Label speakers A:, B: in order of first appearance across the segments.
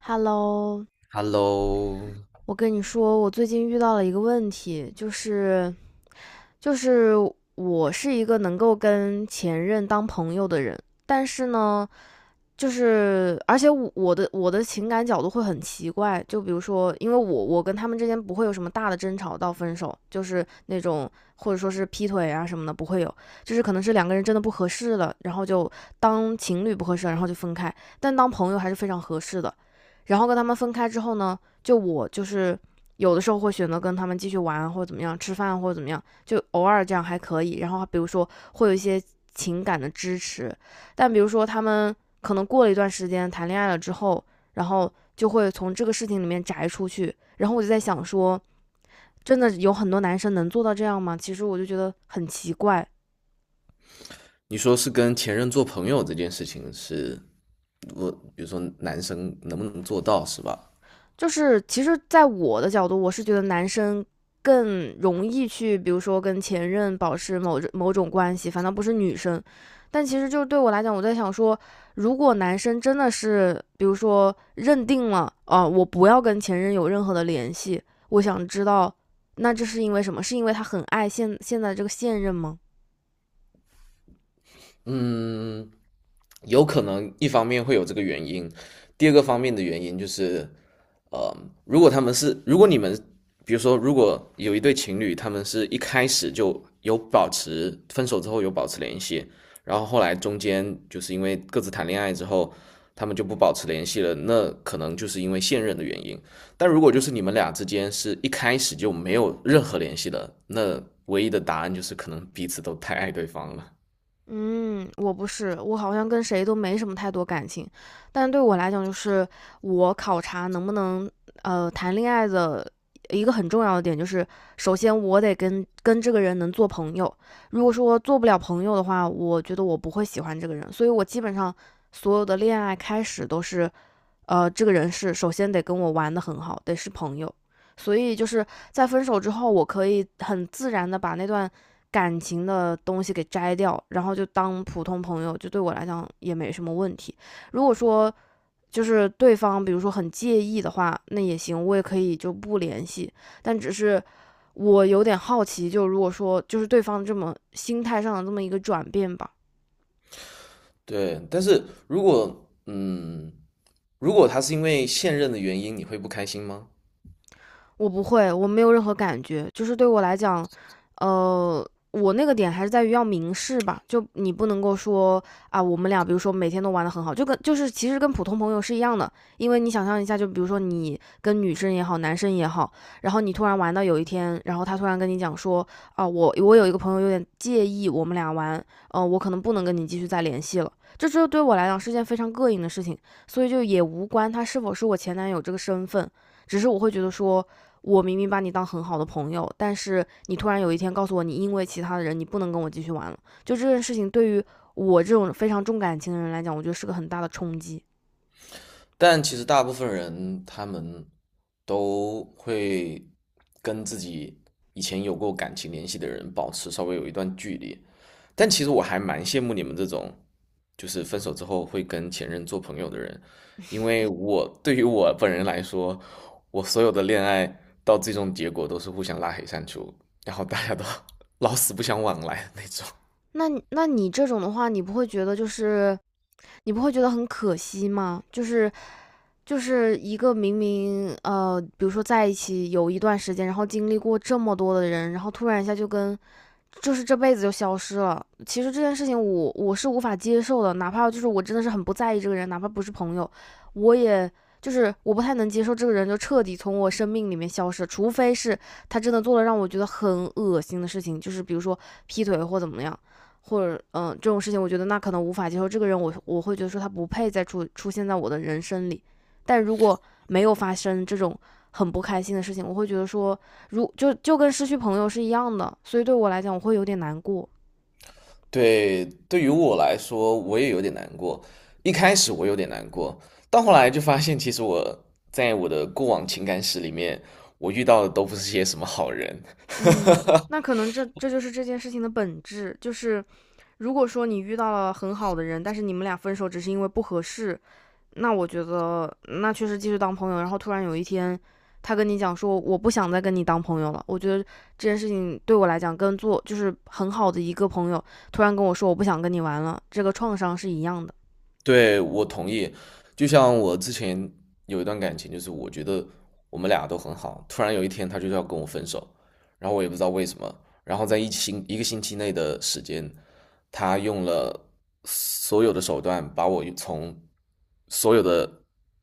A: Hello，
B: Hello,
A: 我跟你说，我最近遇到了一个问题，就是我是一个能够跟前任当朋友的人，但是呢，而且我的情感角度会很奇怪，就比如说，因为我跟他们之间不会有什么大的争吵到分手，就是那种或者说是劈腿啊什么的不会有，就是可能是两个人真的不合适了，然后就当情侣不合适了然后就分开，但当朋友还是非常合适的。然后跟他们分开之后呢，就我就是有的时候会选择跟他们继续玩或者怎么样，吃饭或者怎么样，就偶尔这样还可以。然后比如说会有一些情感的支持，但比如说他们可能过了一段时间谈恋爱了之后，然后就会从这个事情里面摘出去。然后我就在想说，真的有很多男生能做到这样吗？其实我就觉得很奇怪，
B: 你说是跟前任做朋友这件事情是，我比如说男生能不能做到是吧？
A: 就是其实，在我的角度，我是觉得男生更容易去，比如说跟前任保持某某种关系，反倒不是女生。但其实就是对我来讲，我在想说，如果男生真的是，比如说认定了，我不要跟前任有任何的联系，我想知道，那这是因为什么？是因为他很爱现在这个现任吗？
B: 有可能一方面会有这个原因，第二个方面的原因就是如果他们是，如果你们，比如说，如果有一对情侣，他们是一开始就有保持分手之后有保持联系，然后后来中间就是因为各自谈恋爱之后，他们就不保持联系了，那可能就是因为现任的原因。但如果就是你们俩之间是一开始就没有任何联系的，那唯一的答案就是可能彼此都太爱对方了。
A: 嗯，我不是，我好像跟谁都没什么太多感情，但对我来讲，就是我考察能不能谈恋爱的一个很重要的点，就是首先我得跟这个人能做朋友。如果说做不了朋友的话，我觉得我不会喜欢这个人，所以我基本上所有的恋爱开始都是这个人是首先得跟我玩的很好，得是朋友。所以就是在分手之后，我可以很自然的把那段感情的东西给摘掉，然后就当普通朋友，就对我来讲也没什么问题。如果说就是对方比如说很介意的话，那也行，我也可以就不联系。但只是我有点好奇，就如果说就是对方这么心态上的这么一个转变吧，
B: 对，但是嗯，如果他是因为现任的原因，你会不开心吗？
A: 我不会，我没有任何感觉，就是对我来讲，我那个点还是在于要明示吧，就你不能够说啊，我们俩比如说每天都玩的很好，就跟就是其实跟普通朋友是一样的，因为你想象一下，就比如说你跟女生也好，男生也好，然后你突然玩到有一天，然后他突然跟你讲说啊，我有一个朋友有点介意我们俩玩，我可能不能跟你继续再联系了，这就对我来讲是件非常膈应的事情，所以就也无关他是否是我前男友这个身份，只是我会觉得说。我明明把你当很好的朋友，但是你突然有一天告诉我，你因为其他的人，你不能跟我继续玩了。就这件事情，对于我这种非常重感情的人来讲，我觉得是个很大的冲击。
B: 但其实大部分人他们都会跟自己以前有过感情联系的人保持稍微有一段距离。但其实我还蛮羡慕你们这种，就是分手之后会跟前任做朋友的人，因为我对于我本人来说，我所有的恋爱到最终结果都是互相拉黑删除，然后大家都 老死不相往来的那种。
A: 那那你这种的话，你不会觉得就是你不会觉得很可惜吗？就是就是一个明明比如说在一起有一段时间，然后经历过这么多的人，然后突然一下就跟就是这辈子就消失了。其实这件事情我是无法接受的，哪怕就是我真的是很不在意这个人，哪怕不是朋友，我也就是我不太能接受这个人就彻底从我生命里面消失，除非是他真的做了让我觉得很恶心的事情，就是比如说劈腿或怎么样，或者这种事情，我觉得那可能无法接受。这个人我会觉得说他不配再出现在我的人生里。但如果没有发生这种很不开心的事情，我会觉得说就就跟失去朋友是一样的，所以对我来讲，我会有点难过。
B: 对，对于我来说，我也有点难过。一开始我有点难过，到后来就发现，其实我在我的过往情感史里面，我遇到的都不是些什么好人。
A: 嗯，那可能这就是这件事情的本质，就是如果说你遇到了很好的人，但是你们俩分手只是因为不合适，那我觉得那确实继续当朋友。然后突然有一天，他跟你讲说我不想再跟你当朋友了，我觉得这件事情对我来讲跟做就是很好的一个朋友突然跟我说我不想跟你玩了，这个创伤是一样的。
B: 对，我同意。就像我之前有一段感情，就是我觉得我们俩都很好，突然有一天他就要跟我分手，然后我也不知道为什么。然后在一个星期内的时间，他用了所有的手段把我从所有的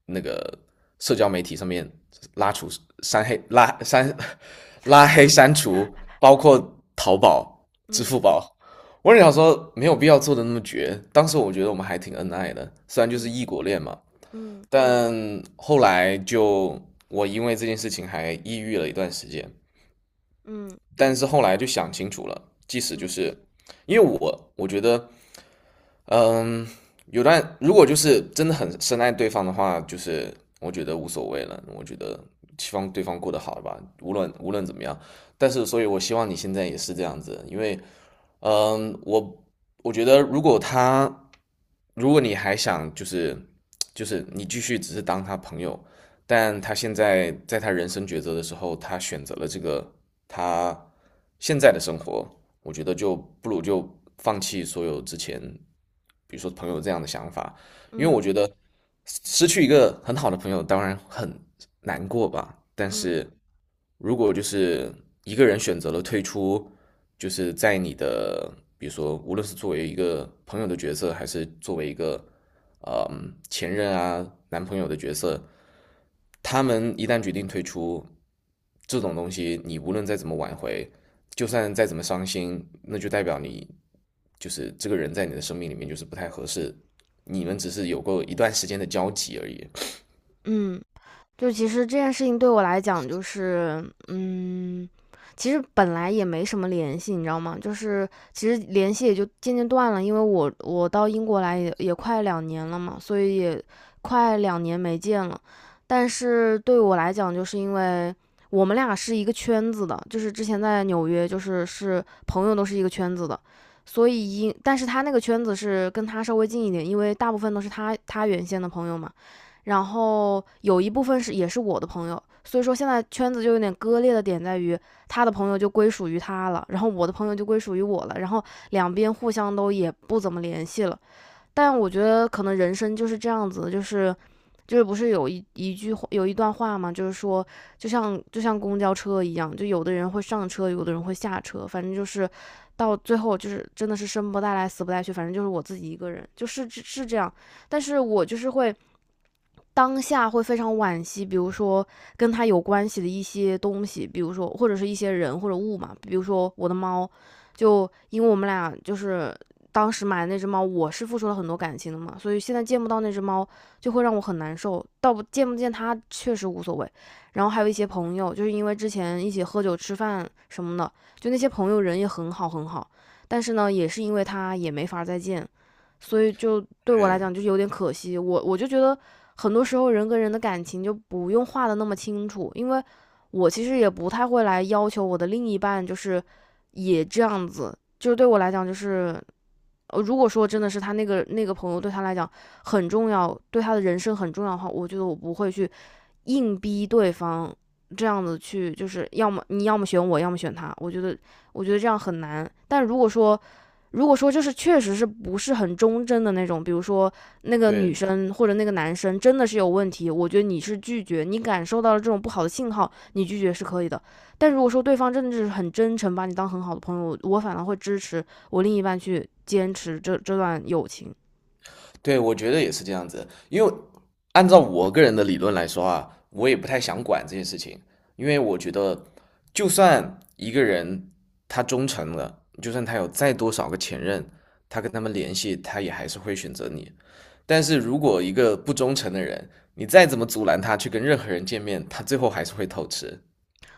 B: 那个社交媒体上面拉除、删黑、拉删、拉黑、删除，包括淘宝、支
A: 嗯
B: 付宝。我也想说没有必要做的那么绝。当时我觉得我们还挺恩爱的，虽然就是
A: 嗯，
B: 异国恋嘛，
A: 嗯
B: 但后来就我因为这件事情还抑郁了一段时间，
A: 嗯，
B: 但是后来就想清楚了，即使就
A: 嗯
B: 是因为我觉得，嗯，有段如果就是真的很深爱对方的话，就是我觉得无所谓了，我觉得希望对方过得好吧，无论怎么样。但是，所以我希望你现在也是这样子，因为我觉得如果他，如果你还想就是你继续只是当他朋友，但他现在在他人生抉择的时候，他选择了这个他现在的生活，我觉得就不如就放弃所有之前，比如说朋友这样的想法，
A: 嗯嗯。
B: 因为
A: 嗯。
B: 我
A: 嗯
B: 觉得失去一个很好的朋友当然很难过吧，但
A: 嗯
B: 是如果就是一个人选择了退出。就是在你的，比如说，无论是作为一个朋友的角色，还是作为一个前任啊、男朋友的角色，他们一旦决定退出，这种东西你无论再怎么挽回，就算再怎么伤心，那就代表你就是这个人在你的生命里面就是不太合适，你们只是有过一段时间的交集而已。
A: 嗯，就其实这件事情对我来讲，就是嗯，其实本来也没什么联系，你知道吗？就是其实联系也就渐渐断了，因为我到英国来也也快两年了嘛，所以也快两年没见了。但是对我来讲，就是因为我们俩是一个圈子的，就是之前在纽约，就是是朋友都是一个圈子的，所以因但是他那个圈子是跟他稍微近一点，因为大部分都是他原先的朋友嘛。然后有一部分是也是我的朋友，所以说现在圈子就有点割裂的点在于，他的朋友就归属于他了，然后我的朋友就归属于我了，然后两边互相都也不怎么联系了。但我觉得可能人生就是这样子，就是就是不是有一句话有一段话嘛，就是说就像公交车一样，就有的人会上车，有的人会下车，反正就是到最后就是真的是生不带来死不带去，反正就是我自己一个人，就是是这样。但是我就是会。当下会非常惋惜，比如说跟他有关系的一些东西，比如说或者是一些人或者物嘛，比如说我的猫，就因为我们俩就是当时买的那只猫，我是付出了很多感情的嘛，所以现在见不到那只猫就会让我很难受，倒不见它确实无所谓。然后还有一些朋友，就是因为之前一起喝酒吃饭什么的，就那些朋友人也很好很好，但是呢，也是因为他也没法再见，所以就对我来
B: 对
A: 讲就有点可惜。我就觉得很多时候人跟人的感情就不用画的那么清楚，因为我其实也不太会来要求我的另一半就是也这样子。就是对我来讲，就是如果说真的是他那个朋友对他来讲很重要，对他的人生很重要的话，我觉得我不会去硬逼对方这样子去，就是要么你要么选我，要么选他。我觉得，我觉得这样很难。但如果说，如果说就是确实是不是很忠贞的那种，比如说那个女
B: 对，
A: 生或者那个男生真的是有问题，我觉得你是拒绝，你感受到了这种不好的信号，你拒绝是可以的。但如果说对方真的是很真诚，把你当很好的朋友，我反而会支持我另一半去坚持这段友情。
B: 对，我觉得也是这样子，因为按照我个人的理论来说啊，我也不太想管这些事情，因为我觉得，就算一个人他忠诚了，就算他有再多少个前任，他跟他们联系，他也还是会选择你。但是如果一个不忠诚的人，你再怎么阻拦他去跟任何人见面，他最后还是会偷吃。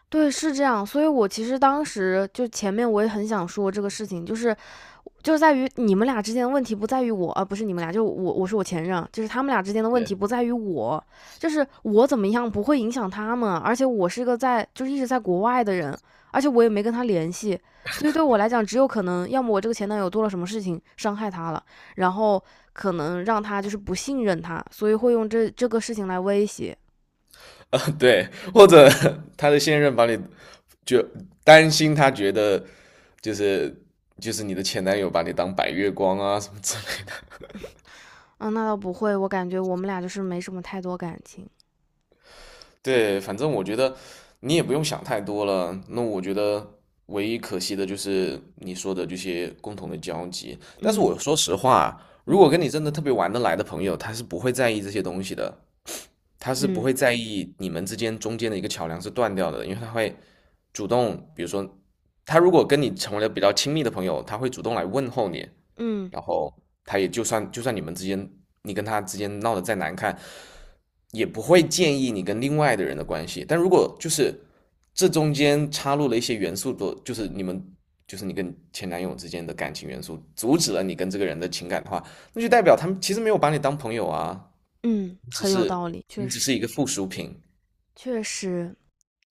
A: 对，是这样。所以我其实当时就前面我也很想说这个事情，就是就是在于你们俩之间的问题不在于我，不是你们俩，就我，我是我前任，就是他们俩之间的问题
B: 对，
A: 不在于我，就是我怎么样不会影响他们，而且我是一个在就是一直在国外的人，而且我也没跟他联系，所以对我来讲，只有可能要么我这个前男友做了什么事情伤害他了，然后可能让他就是不信任他，所以会用这个事情来威胁。
B: 对，或者 他的现任把你就担心，他觉得就是就是你的前男友把你当白月光啊什么之类的。
A: 嗯，那倒不会，我感觉我们俩就是没什么太多感情。
B: 对，反正我觉得你也不用想太多了。那我觉得唯一可惜的就是你说的这些共同的交集。但是
A: 嗯
B: 我说实话，如果
A: 嗯，
B: 跟你真的特别玩得来的朋友，他是不会在意这些东西的，他是不
A: 嗯
B: 会在意你们之间中间的一个桥梁是断掉的，因为他会主动，比如说，他如果跟你成为了比较亲密的朋友，他会主动来问候你，
A: 嗯
B: 然后他也就算你们之间你跟他之间闹得再难看，也不会建议你跟另外的人的关系。但如果就是这中间插入了一些元素的，就是你们就是你跟前男友之间的感情元素，阻止了你跟这个人的情感的话，那就代表他们其实没有把你当朋友啊，
A: 嗯，
B: 只
A: 很有道
B: 是
A: 理，确
B: 你只
A: 实。
B: 是一个附属品，
A: 确实，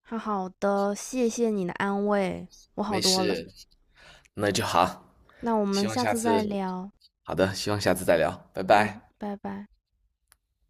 A: 好好的，谢谢你的安慰，我好
B: 没
A: 多了。
B: 事，那就好。
A: 那我
B: 希
A: 们
B: 望
A: 下
B: 下
A: 次
B: 次，
A: 再聊，
B: 好的，希望下次再聊，拜
A: 嗯，
B: 拜。
A: 拜拜。